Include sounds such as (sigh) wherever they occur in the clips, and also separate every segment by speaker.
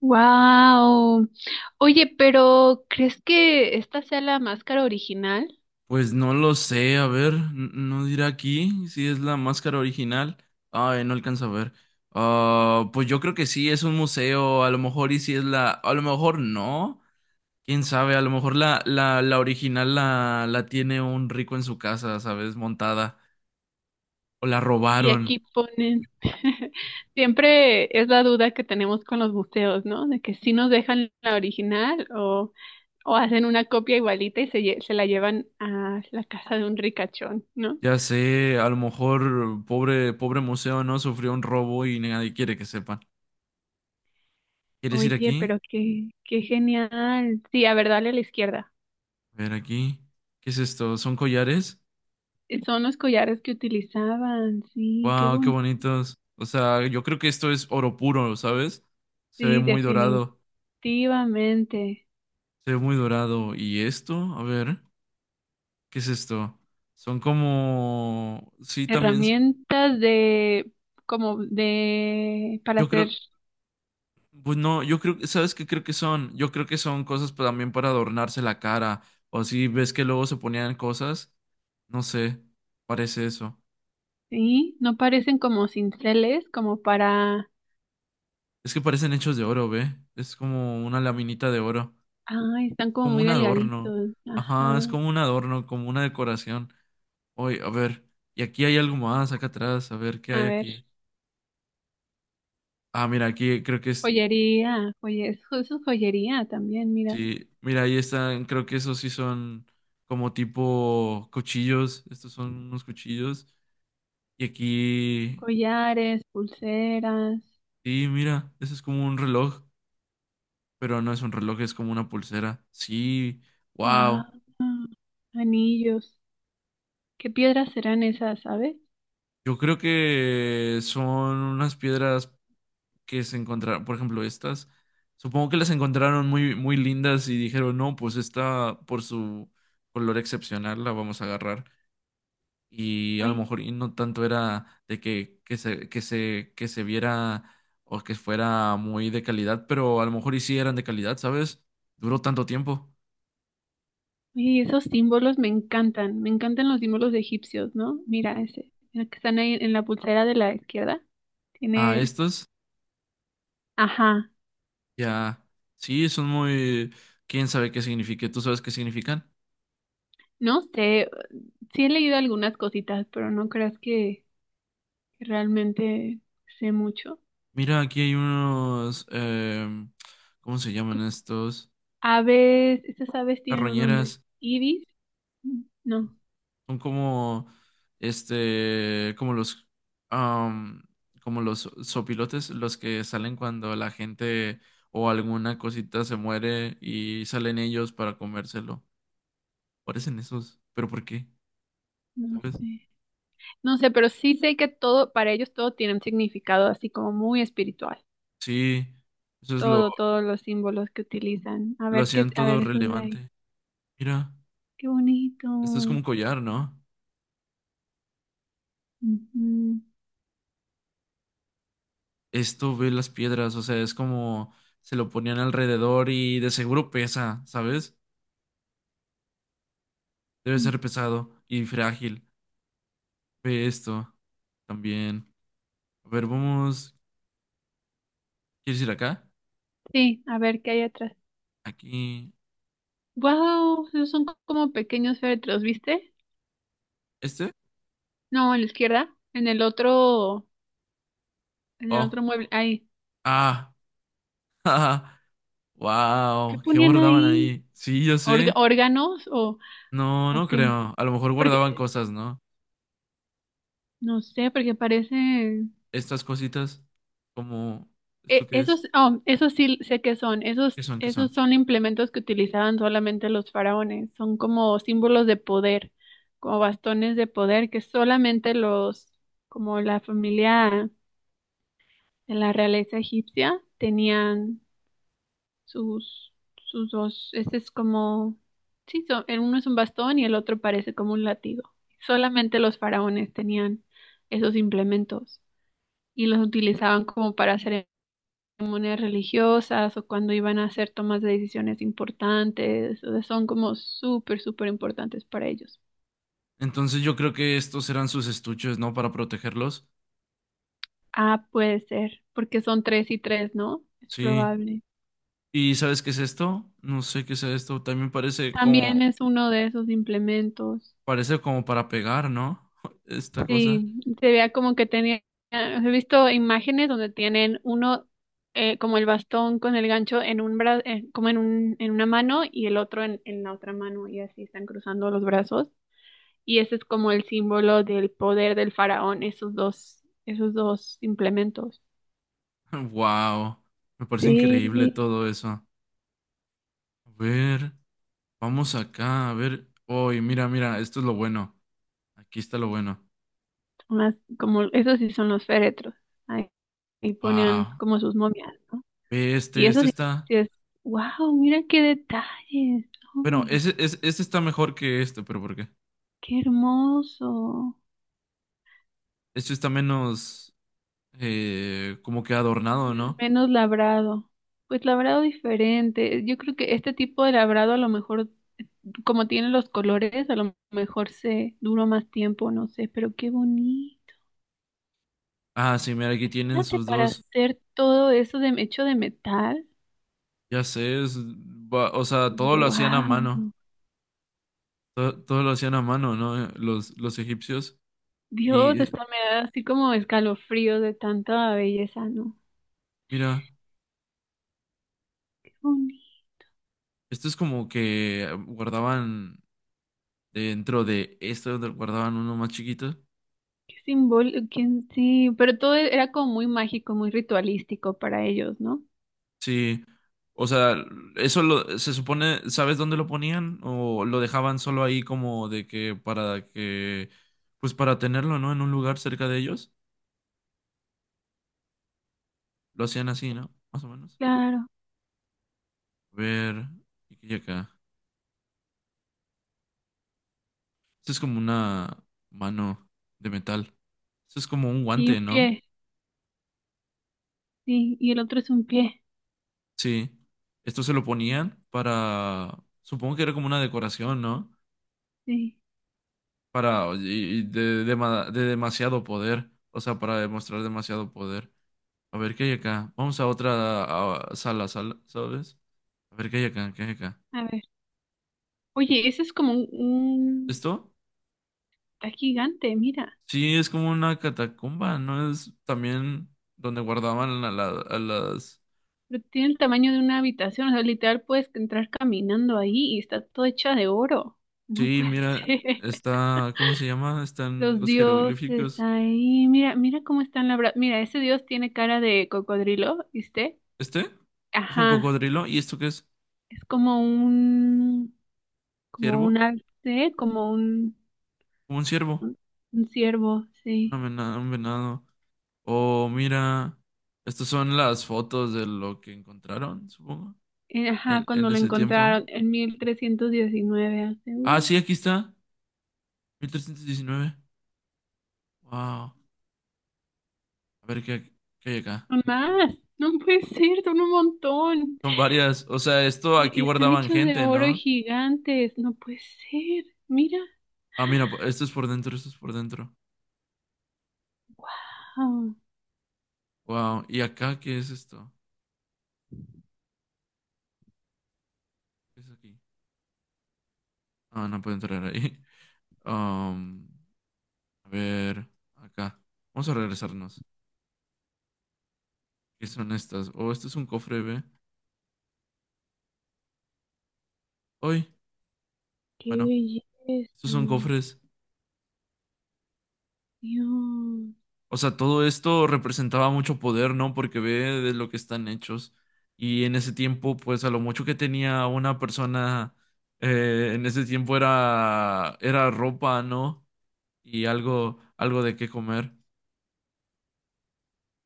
Speaker 1: Wow. Oye, pero ¿crees que esta sea la máscara original?
Speaker 2: Pues no lo sé, a ver, no dirá aquí si es la máscara original. Ay, no alcanza a ver. Ah, pues yo creo que sí, es un museo, a lo mejor y si es a lo mejor no, quién sabe, a lo mejor la original la tiene un rico en su casa, ¿sabes? Montada, o la
Speaker 1: Y
Speaker 2: robaron,
Speaker 1: aquí ponen, (laughs) siempre es la duda que tenemos con los museos, ¿no? De que si nos dejan la original o hacen una copia igualita y se, se la llevan a la casa de un ricachón, ¿no?
Speaker 2: ya sé, a lo mejor pobre, pobre museo, ¿no? Sufrió un robo y nadie quiere que sepan. ¿Quieres ir
Speaker 1: Oye,
Speaker 2: aquí?
Speaker 1: pero qué, qué genial. Sí, a ver, dale a la izquierda.
Speaker 2: A ver aquí, ¿qué es esto? ¿Son collares?
Speaker 1: Son los collares que utilizaban, sí, qué
Speaker 2: Wow, qué
Speaker 1: bonito.
Speaker 2: bonitos. O sea, yo creo que esto es oro puro, ¿sabes? Se ve
Speaker 1: Sí,
Speaker 2: muy dorado,
Speaker 1: definitivamente.
Speaker 2: se ve muy dorado. ¿Y esto? A ver, ¿qué es esto? Son como, sí, también,
Speaker 1: Herramientas de, como de, para
Speaker 2: yo
Speaker 1: hacer,
Speaker 2: creo, pues no, yo creo, ¿sabes qué creo que son? Yo creo que son cosas también para adornarse la cara. O si ves que luego se ponían cosas, no sé, parece eso.
Speaker 1: sí, no parecen como cinceles, como para,
Speaker 2: Es que parecen hechos de oro, ¿ve? Es como una laminita de oro,
Speaker 1: ay, están como
Speaker 2: como
Speaker 1: muy
Speaker 2: un adorno.
Speaker 1: delgaditos,
Speaker 2: Ajá, es
Speaker 1: ajá,
Speaker 2: como un adorno, como una decoración. Oye, a ver, y aquí hay algo más acá atrás, a ver qué hay
Speaker 1: a ver,
Speaker 2: aquí. Ah, mira, aquí creo que es,
Speaker 1: joyería, eso es joyería también, mira,
Speaker 2: sí, mira, ahí están, creo que esos sí son como tipo cuchillos, estos son unos cuchillos. Y aquí,
Speaker 1: collares, pulseras,
Speaker 2: sí, mira, eso es como un reloj, pero no es un reloj, es como una pulsera. Sí,
Speaker 1: wow,
Speaker 2: wow,
Speaker 1: anillos, ¿qué piedras serán esas, sabes?
Speaker 2: yo creo que son unas piedras que se encontraron, por ejemplo, estas, supongo que las encontraron muy, muy lindas y dijeron, no, pues esta por su color excepcional la vamos a agarrar. Y a lo
Speaker 1: Oye,
Speaker 2: mejor y no tanto era de que, que se viera o que fuera muy de calidad, pero a lo mejor y sí eran de calidad, ¿sabes? Duró tanto tiempo.
Speaker 1: oye, esos símbolos me encantan los símbolos egipcios, ¿no? Mira ese, el que están ahí en la pulsera de la izquierda,
Speaker 2: Ah,
Speaker 1: tiene...
Speaker 2: estos
Speaker 1: Ajá,
Speaker 2: ya, sí, son muy, quién sabe qué signifique, ¿tú sabes qué significan?
Speaker 1: no sé, sí he leído algunas cositas, pero no creas que realmente sé mucho.
Speaker 2: Mira, aquí hay unos, ¿cómo se llaman
Speaker 1: Co-
Speaker 2: estos?
Speaker 1: Aves, estas aves tienen un
Speaker 2: Carroñeras
Speaker 1: nombre. Ibis, mm, no,
Speaker 2: son como este, como los am, como los sopilotes, los que salen cuando la gente o alguna cosita se muere y salen ellos para comérselo. Parecen esos, pero ¿por qué?
Speaker 1: no
Speaker 2: ¿Sabes?
Speaker 1: sé. No sé, pero sí sé que todo, para ellos todo tiene un significado así como muy espiritual.
Speaker 2: Sí, eso es
Speaker 1: Todo, todos los símbolos que utilizan. A
Speaker 2: lo
Speaker 1: ver qué,
Speaker 2: hacían
Speaker 1: a
Speaker 2: todo
Speaker 1: ver esos de ahí.
Speaker 2: relevante. Mira,
Speaker 1: Qué bonito.
Speaker 2: esto es como
Speaker 1: Ujú,
Speaker 2: un collar, ¿no? Esto ve las piedras, o sea, es como se lo ponían alrededor y de seguro pesa, ¿sabes? Debe
Speaker 1: mm.
Speaker 2: ser pesado y frágil. Ve esto también. A ver, vamos. ¿Quieres ir acá?
Speaker 1: Sí, a ver qué hay atrás.
Speaker 2: Aquí.
Speaker 1: Wow, esos son como pequeños féretros, ¿viste?
Speaker 2: ¿Este?
Speaker 1: No, en la izquierda, en el
Speaker 2: Oh.
Speaker 1: otro mueble. Ahí.
Speaker 2: Ah. (laughs)
Speaker 1: ¿Qué
Speaker 2: Wow. ¿Qué
Speaker 1: ponían
Speaker 2: guardaban
Speaker 1: ahí?
Speaker 2: ahí? Sí, yo sé.
Speaker 1: ¿Órganos
Speaker 2: No,
Speaker 1: o
Speaker 2: no
Speaker 1: qué?
Speaker 2: creo. A lo mejor
Speaker 1: Porque,
Speaker 2: guardaban cosas, ¿no?
Speaker 1: no sé, porque parecen...
Speaker 2: Estas cositas. Como. ¿Esto qué es?
Speaker 1: esos, oh, esos sí sé qué son. Esos,
Speaker 2: ¿Qué son? ¿Qué
Speaker 1: esos
Speaker 2: son?
Speaker 1: son implementos que utilizaban solamente los faraones. Son como símbolos de poder, como bastones de poder que solamente los, como la familia de la realeza egipcia, tenían sus, sus dos, este es como, sí, el uno es un bastón y el otro parece como un látigo. Solamente los faraones tenían esos implementos y los utilizaban como para ceremonias religiosas o cuando iban a hacer tomas de decisiones importantes, o sea, son como súper, súper importantes para ellos.
Speaker 2: Entonces yo creo que estos eran sus estuches, ¿no? Para protegerlos.
Speaker 1: Ah, puede ser, porque son tres y tres, ¿no? Es
Speaker 2: Sí.
Speaker 1: probable.
Speaker 2: ¿Y sabes qué es esto? No sé qué es esto. También parece como.
Speaker 1: También es uno de esos implementos.
Speaker 2: Parece como para pegar, ¿no? (laughs) Esta cosa.
Speaker 1: Sí, se veía como que tenía, he visto imágenes donde tienen uno como el bastón con el gancho en un como en un, en una mano y el otro en la otra mano y así están cruzando los brazos. Y ese es como el símbolo del poder del faraón, esos dos implementos.
Speaker 2: (laughs) Wow, me parece increíble
Speaker 1: Sí,
Speaker 2: todo eso. A ver, vamos acá, a ver. Uy, mira, mira, esto es lo bueno. Aquí está lo bueno.
Speaker 1: más como, esos sí son los féretros. Ahí, ahí ponían
Speaker 2: Wow,
Speaker 1: como sus momias, ¿no?
Speaker 2: ve
Speaker 1: Y
Speaker 2: este,
Speaker 1: eso
Speaker 2: este está.
Speaker 1: sí es, wow, mira qué detalles,
Speaker 2: Bueno,
Speaker 1: hombre.
Speaker 2: ese, este está mejor que este, pero ¿por qué?
Speaker 1: Qué hermoso.
Speaker 2: Este está menos como que adornado, ¿no?
Speaker 1: Menos labrado. Pues labrado diferente. Yo creo que este tipo de labrado a lo mejor, como tiene los colores, a lo mejor se duró más tiempo, no sé, pero qué bonito.
Speaker 2: Ah, sí, mira, aquí tienen
Speaker 1: Imagínate
Speaker 2: sus
Speaker 1: para
Speaker 2: dos.
Speaker 1: hacer todo eso de hecho de metal.
Speaker 2: Ya sé, o sea, todo lo hacían a mano.
Speaker 1: Wow.
Speaker 2: Todo, lo hacían a mano, ¿no? Los egipcios.
Speaker 1: Dios,
Speaker 2: Y
Speaker 1: hasta me da así como escalofrío de tanta belleza, ¿no?
Speaker 2: mira.
Speaker 1: Qué bonito.
Speaker 2: Esto es como que guardaban dentro de esto donde guardaban uno más chiquito.
Speaker 1: Qué simbólico, sí, pero todo era como muy mágico, muy ritualístico para ellos, ¿no?
Speaker 2: Sí, o sea, eso lo, se supone, ¿sabes dónde lo ponían? ¿O lo dejaban solo ahí como de que para que, pues para tenerlo, ¿no? En un lugar cerca de ellos. Lo hacían así, ¿no? Más o menos.
Speaker 1: Claro.
Speaker 2: A ver, ¿y qué hay acá? Esto es como una mano de metal. Esto es como un
Speaker 1: Y un
Speaker 2: guante, ¿no?
Speaker 1: pie. Sí, y el otro es un pie.
Speaker 2: Sí. Esto se lo ponían para, supongo que era como una decoración, ¿no?
Speaker 1: Sí,
Speaker 2: Para y de, de demasiado poder, o sea, para demostrar demasiado poder. A ver, ¿qué hay acá? Vamos a otra sala, sala, ¿sabes? A ver, ¿qué hay acá? ¿Qué hay acá?
Speaker 1: a ver. Oye, ese es como un-
Speaker 2: ¿Esto?
Speaker 1: está gigante, mira.
Speaker 2: Sí, es como una catacumba, ¿no? Es también donde guardaban a, a las...
Speaker 1: Pero tiene el tamaño de una habitación. O sea, literal puedes entrar caminando ahí y está todo hecha de oro. No
Speaker 2: Sí,
Speaker 1: puede (laughs)
Speaker 2: mira,
Speaker 1: ser.
Speaker 2: está... ¿Cómo se llama? Están
Speaker 1: Los
Speaker 2: los
Speaker 1: dioses
Speaker 2: jeroglíficos.
Speaker 1: ahí. Mira, mira cómo están labrados. Mira, ese dios tiene cara de cocodrilo, ¿viste?
Speaker 2: ¿Este? ¿Es un
Speaker 1: Ajá.
Speaker 2: cocodrilo? ¿Y esto qué es?
Speaker 1: Es como un... Como
Speaker 2: ¿Ciervo?
Speaker 1: un alce, como un...
Speaker 2: Como un ciervo.
Speaker 1: Un un ciervo, sí.
Speaker 2: Una un venado. Oh, mira, estas son las fotos de lo que encontraron, supongo,
Speaker 1: Ajá, cuando
Speaker 2: en
Speaker 1: lo
Speaker 2: ese tiempo.
Speaker 1: encontraron en 1319 hace
Speaker 2: Ah, sí, aquí está, 1319. Wow, a ver qué, qué hay acá.
Speaker 1: un más. No puede ser, son un montón.
Speaker 2: Son varias, o sea, esto aquí
Speaker 1: Están
Speaker 2: guardaban
Speaker 1: hechos de
Speaker 2: gente,
Speaker 1: oro y
Speaker 2: ¿no?
Speaker 1: gigantes. No puede ser. Mira.
Speaker 2: Ah, mira, esto es por dentro, esto es por dentro.
Speaker 1: Ah,
Speaker 2: Wow, ¿y acá qué es esto? ¿Qué es aquí? Ah, no puedo entrar ahí. (laughs) Um, a ver, acá. Vamos a regresarnos. ¿Qué son estas? Oh, esto es un cofre, ¿ve? Hoy,
Speaker 1: qué
Speaker 2: bueno, estos
Speaker 1: belleza.
Speaker 2: son cofres.
Speaker 1: Dios.
Speaker 2: O sea, todo esto representaba mucho poder, ¿no? Porque ve de lo que están hechos. Y en ese tiempo, pues a lo mucho que tenía una persona, en ese tiempo era, era ropa, ¿no? Y algo, algo de qué comer.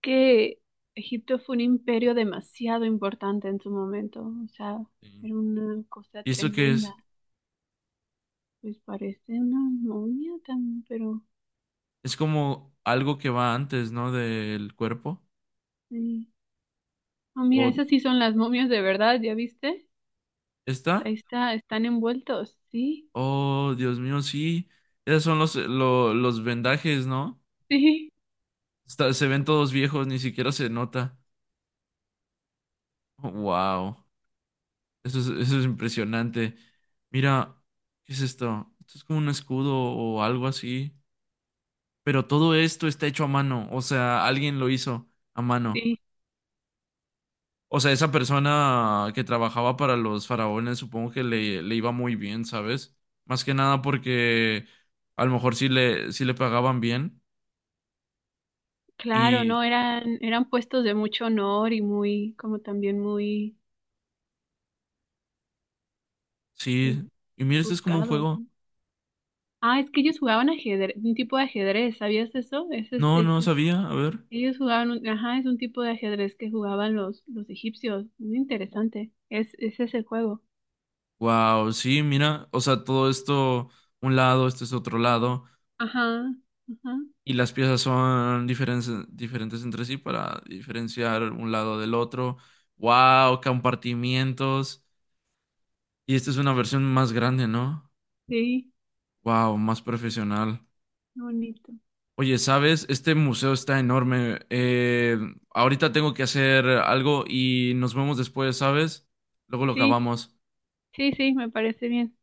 Speaker 1: Que Egipto fue un imperio demasiado importante en su momento. O sea,
Speaker 2: Sí.
Speaker 1: era una cosa
Speaker 2: ¿Y eso qué
Speaker 1: tremenda.
Speaker 2: es?
Speaker 1: Pues parece una momia también, pero
Speaker 2: Es como algo que va antes, ¿no? Del cuerpo.
Speaker 1: sí. Oh
Speaker 2: ¿O
Speaker 1: mira, esas sí son las momias de verdad, ¿ya viste?
Speaker 2: está?
Speaker 1: Ahí está, están envueltos, sí,
Speaker 2: Oh, Dios mío, sí. Esos son los, los vendajes, ¿no?
Speaker 1: (laughs) sí,
Speaker 2: Se ven todos viejos, ni siquiera se nota. Wow. Eso es impresionante. Mira, ¿qué es esto? Esto es como un escudo o algo así. Pero todo esto está hecho a mano. O sea, alguien lo hizo a mano.
Speaker 1: sí,
Speaker 2: O sea, esa persona que trabajaba para los faraones, supongo que le iba muy bien, ¿sabes? Más que nada porque a lo mejor sí le pagaban bien.
Speaker 1: claro,
Speaker 2: Y
Speaker 1: no, eran, eran puestos de mucho honor y muy, como también muy, pues,
Speaker 2: sí. Y mira, esto es como un
Speaker 1: buscados,
Speaker 2: juego.
Speaker 1: ¿no? Ah, es que ellos jugaban ajedrez, un tipo de ajedrez, ¿sabías eso?
Speaker 2: No, no
Speaker 1: Ese es-
Speaker 2: sabía. A ver.
Speaker 1: ellos jugaban, ajá, es un tipo de ajedrez que jugaban los egipcios, muy interesante, es, ese es el juego,
Speaker 2: Wow, sí, mira. O sea, todo esto, un lado, este es otro lado.
Speaker 1: ajá, ajá,
Speaker 2: Y las piezas son diferentes entre sí para diferenciar un lado del otro. ¡Wow! Compartimientos. Y esta es una versión más grande, ¿no?
Speaker 1: sí,
Speaker 2: ¡Wow! Más profesional.
Speaker 1: qué bonito,
Speaker 2: Oye, ¿sabes? Este museo está enorme. Ahorita tengo que hacer algo y nos vemos después, ¿sabes? Luego lo
Speaker 1: sí,
Speaker 2: acabamos.
Speaker 1: sí, sí, me parece bien.